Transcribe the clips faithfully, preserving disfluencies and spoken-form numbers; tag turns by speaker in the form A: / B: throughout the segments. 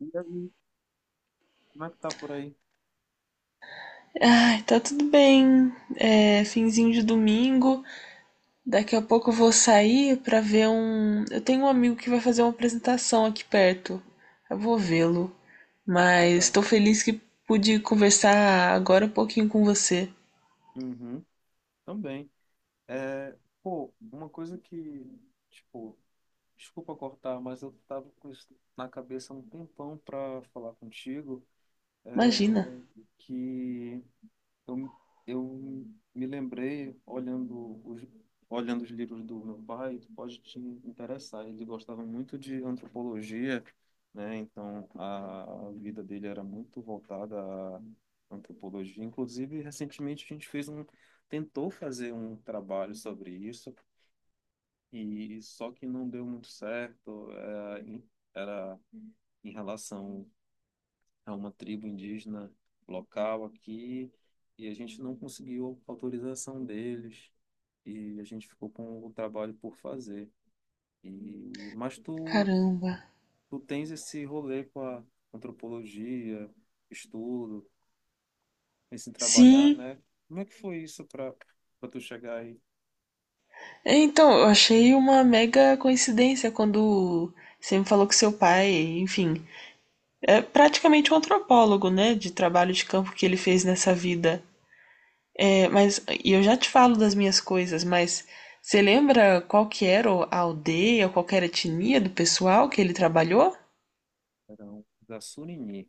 A: E aí, como é que tá por aí?
B: Ai, tá tudo bem. É, finzinho de domingo. Daqui a pouco eu vou sair pra ver um. Eu tenho um amigo que vai fazer uma apresentação aqui perto. Eu vou vê-lo. Mas
A: Legal.
B: tô feliz que pude conversar agora um pouquinho com você.
A: Uhum, também. É, pô, uma coisa que, tipo, desculpa cortar, mas eu tava com isso na cabeça há um tempão pra falar contigo, é,
B: Imagina.
A: que Eu, eu me lembrei, olhando os, olhando os livros do meu pai, tu pode te interessar. Ele gostava muito de antropologia, né? Então a, a vida dele era muito voltada à antropologia. Inclusive, recentemente a gente fez um, tentou fazer um trabalho sobre isso, e só que não deu muito certo. eh, em- Era em relação a uma tribo indígena local aqui, e a gente não conseguiu autorização deles, e a gente ficou com o trabalho por fazer. E, mas tu,
B: Caramba.
A: tu tens esse rolê com a antropologia, estudo, esse trabalhar,
B: Sim.
A: né? Como é que foi isso para para tu chegar aí?
B: Então, eu achei uma mega coincidência quando você me falou que seu pai, enfim, é praticamente um antropólogo, né? De trabalho de campo que ele fez nessa vida. É, mas e eu já te falo das minhas coisas, mas você lembra qual que era a aldeia, qual que era a etnia do pessoal que ele trabalhou?
A: Eram da Surini,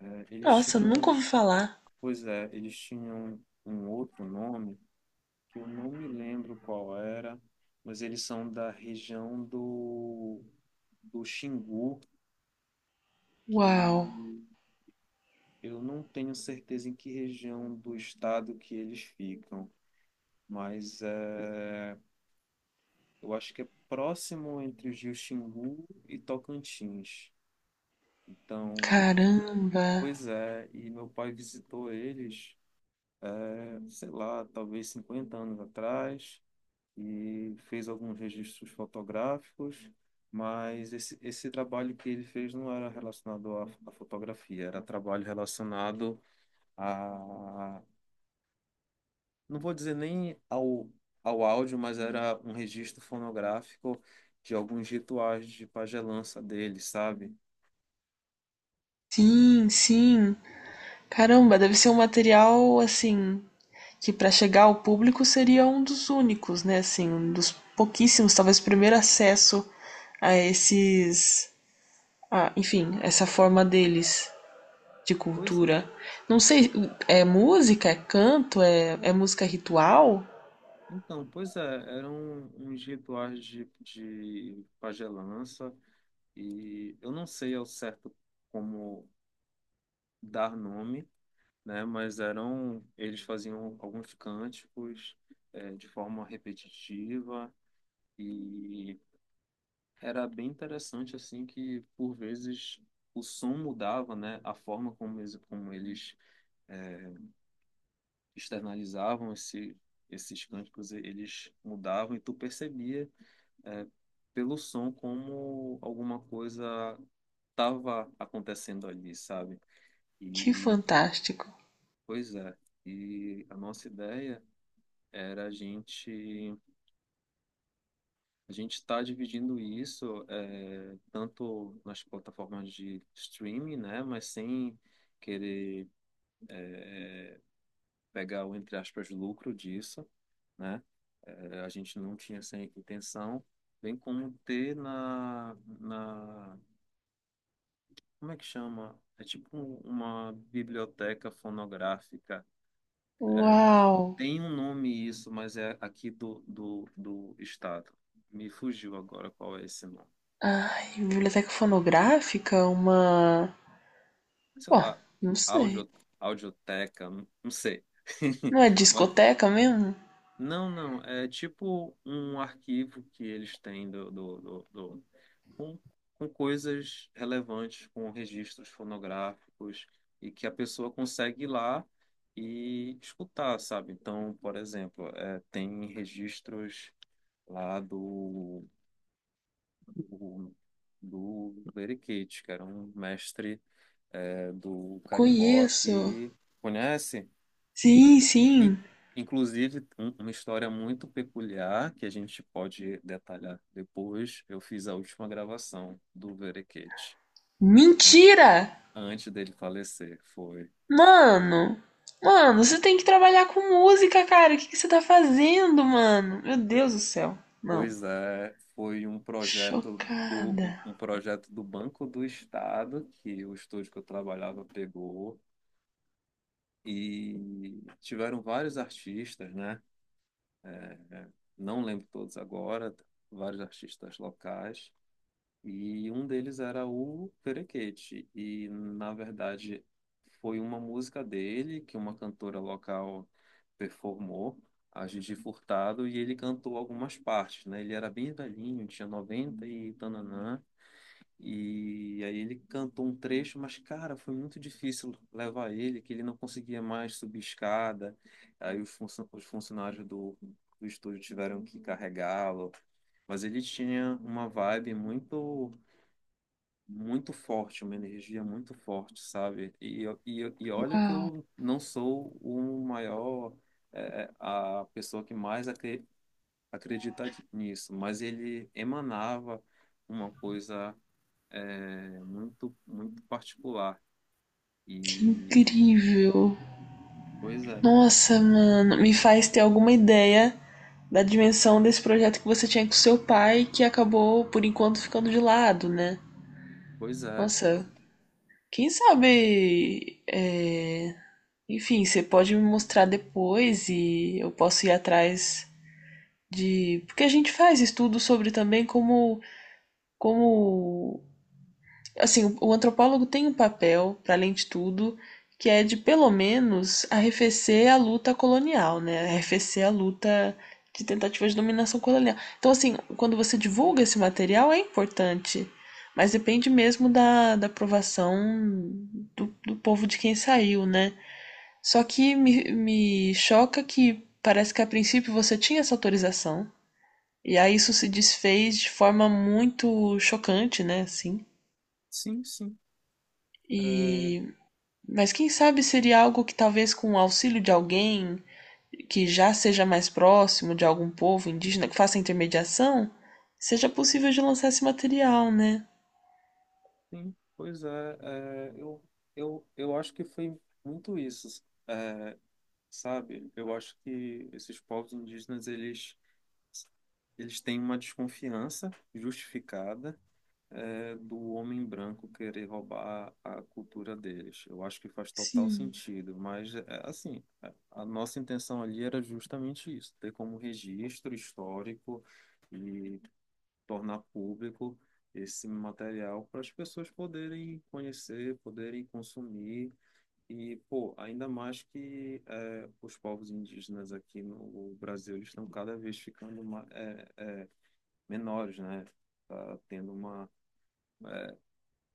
A: né? Eles
B: Nossa, nunca
A: tinham,
B: ouvi falar.
A: pois é, eles tinham um outro nome que eu não me lembro qual era, mas eles são da região do, do Xingu, que
B: Uau,
A: eu não tenho certeza em que região do estado que eles ficam, mas é, eu acho que é próximo entre os rios Xingu e Tocantins. Então,
B: caramba.
A: pois é, e meu pai visitou eles, é, sei lá, talvez cinquenta anos atrás. E fez alguns registros fotográficos, mas esse, esse trabalho que ele fez não era relacionado à, à fotografia. Era trabalho relacionado, a, não vou dizer nem ao, ao áudio, mas era um registro fonográfico de alguns rituais de pagelança dele, sabe?
B: Sim, sim. Caramba, deve ser um material assim que para chegar ao público seria um dos únicos, né? Assim, um dos pouquíssimos, talvez o primeiro acesso a esses, a, enfim, essa forma deles de
A: Pois,
B: cultura. Não sei, é música, é canto, é, é música ritual?
A: então, pois é, eram uns rituais de, de pagelança, e eu não sei ao certo como dar nome, né? Mas eram, eles faziam alguns cânticos, eh, de forma repetitiva, e era bem interessante assim que, por vezes, o som mudava, né? A forma como eles, como eles eh, externalizavam esse, esses cânticos, eles mudavam, e tu percebia, eh, pelo som, como alguma coisa estava acontecendo ali, sabe?
B: Que
A: E
B: fantástico.
A: pois é. E a nossa ideia era, a gente a gente está dividindo isso, é, tanto nas plataformas de streaming, né, mas sem querer pegar o entre aspas lucro disso, né? É, a gente não tinha essa intenção, bem como ter na na como é que chama? É tipo um- uma biblioteca fonográfica.
B: Uau!
A: Tem um nome isso, mas é aqui do, do, do estado. Me fugiu agora qual é esse nome.
B: Ai, biblioteca fonográfica? Uma.
A: Sei
B: Bom,
A: lá,
B: não sei.
A: audio, audioteca, não não sei.
B: Não é
A: Mas
B: discoteca mesmo?
A: não, não, é tipo um arquivo que eles têm do, do, do, do- com, com coisas relevantes, com registros fonográficos, e que a pessoa consegue ir lá e escutar, sabe? Então, por exemplo, é, tem registros lá do, do, do Leriquete, que era um mestre, é, do carimbó,
B: Conheço.
A: que conhece?
B: Sim,
A: In-
B: sim.
A: Inclusive, um- uma história muito peculiar que a gente pode detalhar depois. Eu fiz a última gravação do Verequete an-
B: Mentira!
A: antes dele falecer. Foi.
B: Mano! Mano,
A: foi-
B: você tem que trabalhar com música, cara. O que, que você tá fazendo, mano? Meu Deus do céu. Não.
A: Pois é, foi um projeto do, um, um
B: Chocada.
A: projeto do Banco do Estado que o estúdio que eu trabalhava pegou, e tiveram vários artistas, né? É, é, não lembro todos agora, vários artistas locais. E um deles era o Perequete. E, na verdade, foi uma música dele que uma cantora local performou, a Gigi Furtado, e ele cantou algumas partes, né? Ele era bem velhinho, tinha noventa e tananã. E aí ele cantou um trecho, mas, cara, foi muito difícil levar ele, que ele não conseguia mais subir escada. Aí os funcio- os funcionários do, do estúdio tiveram que carregá-lo. Mas ele tinha uma vibe muito muito forte, uma energia muito forte, sabe? E, eu- e, eu- e olha que
B: Uau,
A: eu não sou o maior, é, a pessoa que mais acre- acredita nisso, mas ele emanava uma coisa, é, muito, muito particular.
B: que
A: E,
B: incrível.
A: pois é,
B: Nossa, mano, me faz ter alguma ideia da dimensão desse projeto que você tinha com seu pai, que acabou, por enquanto, ficando de lado, né?
A: pois é,
B: Nossa, quem sabe. É, enfim, você pode me mostrar depois e eu posso ir atrás de. Porque a gente faz estudo sobre também como, como assim, o, o antropólogo tem um papel, para além de tudo, que é de pelo menos arrefecer a luta colonial, né? Arrefecer a luta de tentativa de dominação colonial. Então, assim, quando você divulga esse material é importante, mas depende mesmo da, da aprovação do, do povo de quem saiu, né? Só que me, me choca que parece que a princípio você tinha essa autorização, e aí isso se desfez de forma muito chocante, né? Assim.
A: sim, sim, é,
B: E mas quem sabe seria algo que talvez com o auxílio de alguém que já seja mais próximo de algum povo indígena que faça intermediação, seja possível de lançar esse material, né?
A: sim, pois é, é, eu, eu, eu acho que foi muito isso. É, Sabe, eu acho que esses povos indígenas, eles Eles têm uma desconfiança justificada, é, do homem branco querer roubar a cultura deles. Eu acho que faz total
B: Sim,
A: sentido, mas é, assim, a a nossa intenção ali era justamente isso: ter como registro histórico e tornar público esse material para as pessoas poderem conhecer, poderem consumir. E, pô, ainda mais que, eh, os povos indígenas aqui no Brasil, eles estão cada vez ficando mais, menores, né? Tá tendo uma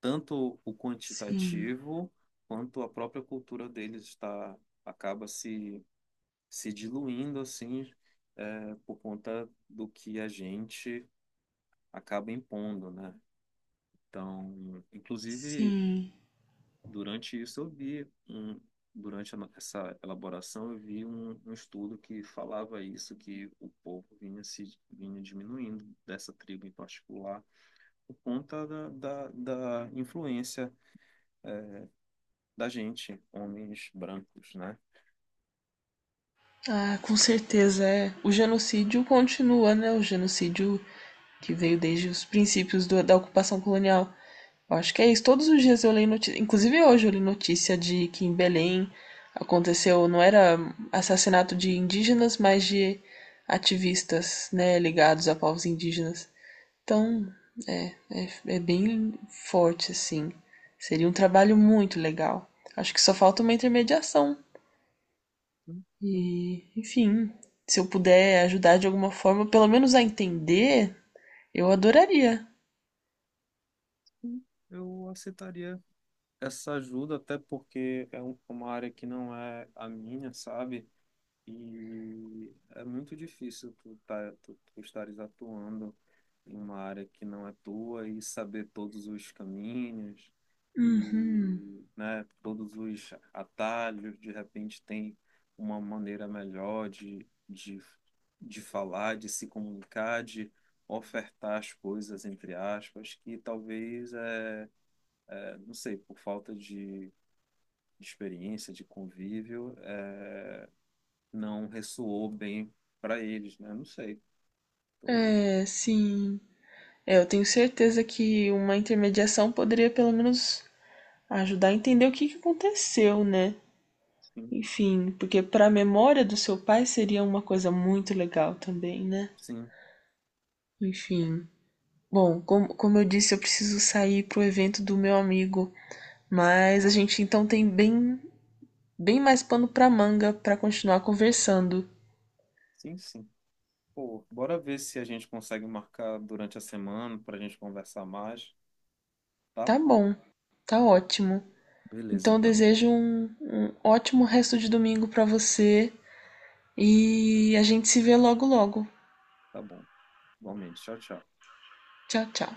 A: tanto o
B: sim,
A: quantitativo quanto a própria cultura deles está acaba se se diluindo assim, é, por conta do que a gente acaba impondo, né? Então, inclusive,
B: sim.
A: durante isso eu vi um, durante a no- essa elaboração, eu vi um, um estudo que falava isso, que o povo vinha se vinha diminuindo dessa tribo em particular, por conta da, da, da influência da gente, homens brancos, né?
B: Ah, com certeza é. O genocídio continua, né? O genocídio que veio desde os princípios do- da ocupação colonial. Eu acho que é isso. Todos os dias eu leio notícia, inclusive hoje eu li notícia de que em Belém aconteceu, não era assassinato de indígenas, mas de ativistas, né, ligados a povos indígenas. Então, é, é, é bem forte assim. Seria um trabalho muito legal. Acho que só falta uma intermediação
A: Então,
B: e, enfim, se eu puder ajudar de alguma forma, pelo menos a entender, eu adoraria.
A: Eu aceitaria essa ajuda, até porque é um- é uma área que não é a minha, sabe? E é muito difícil tu, tá, tu, tu estares atuando em uma área que não é tua e saber todos os caminhos
B: Uhum.
A: e, né, todos os atalhos. De repente tem uma maneira melhor de, de, de falar, de se comunicar, de ofertar as coisas, entre aspas, que talvez, é, é, não sei, por falta de de experiência, de convívio, é, não ressoou bem para eles, né? Não sei. Tô-
B: É, sim. É, eu tenho certeza que uma intermediação poderia pelo menos ajudar a entender o que que aconteceu, né?
A: Sim,
B: Enfim, porque para a memória do seu pai seria uma coisa muito legal também, né?
A: sim,
B: Enfim. Bom, como, como eu disse, eu preciso sair pro evento do meu amigo, mas a gente então tem bem bem mais pano para manga para continuar conversando.
A: sim, sim. Pô, bora ver se a gente consegue marcar durante a semana para a gente conversar mais, tá?
B: Tá bom, tá ótimo.
A: Beleza,
B: Então eu
A: então.
B: desejo um, um ótimo resto de domingo para você e a gente se vê logo logo.
A: Tá bom. Igualmente. Tchau, tchau.
B: Tchau, tchau.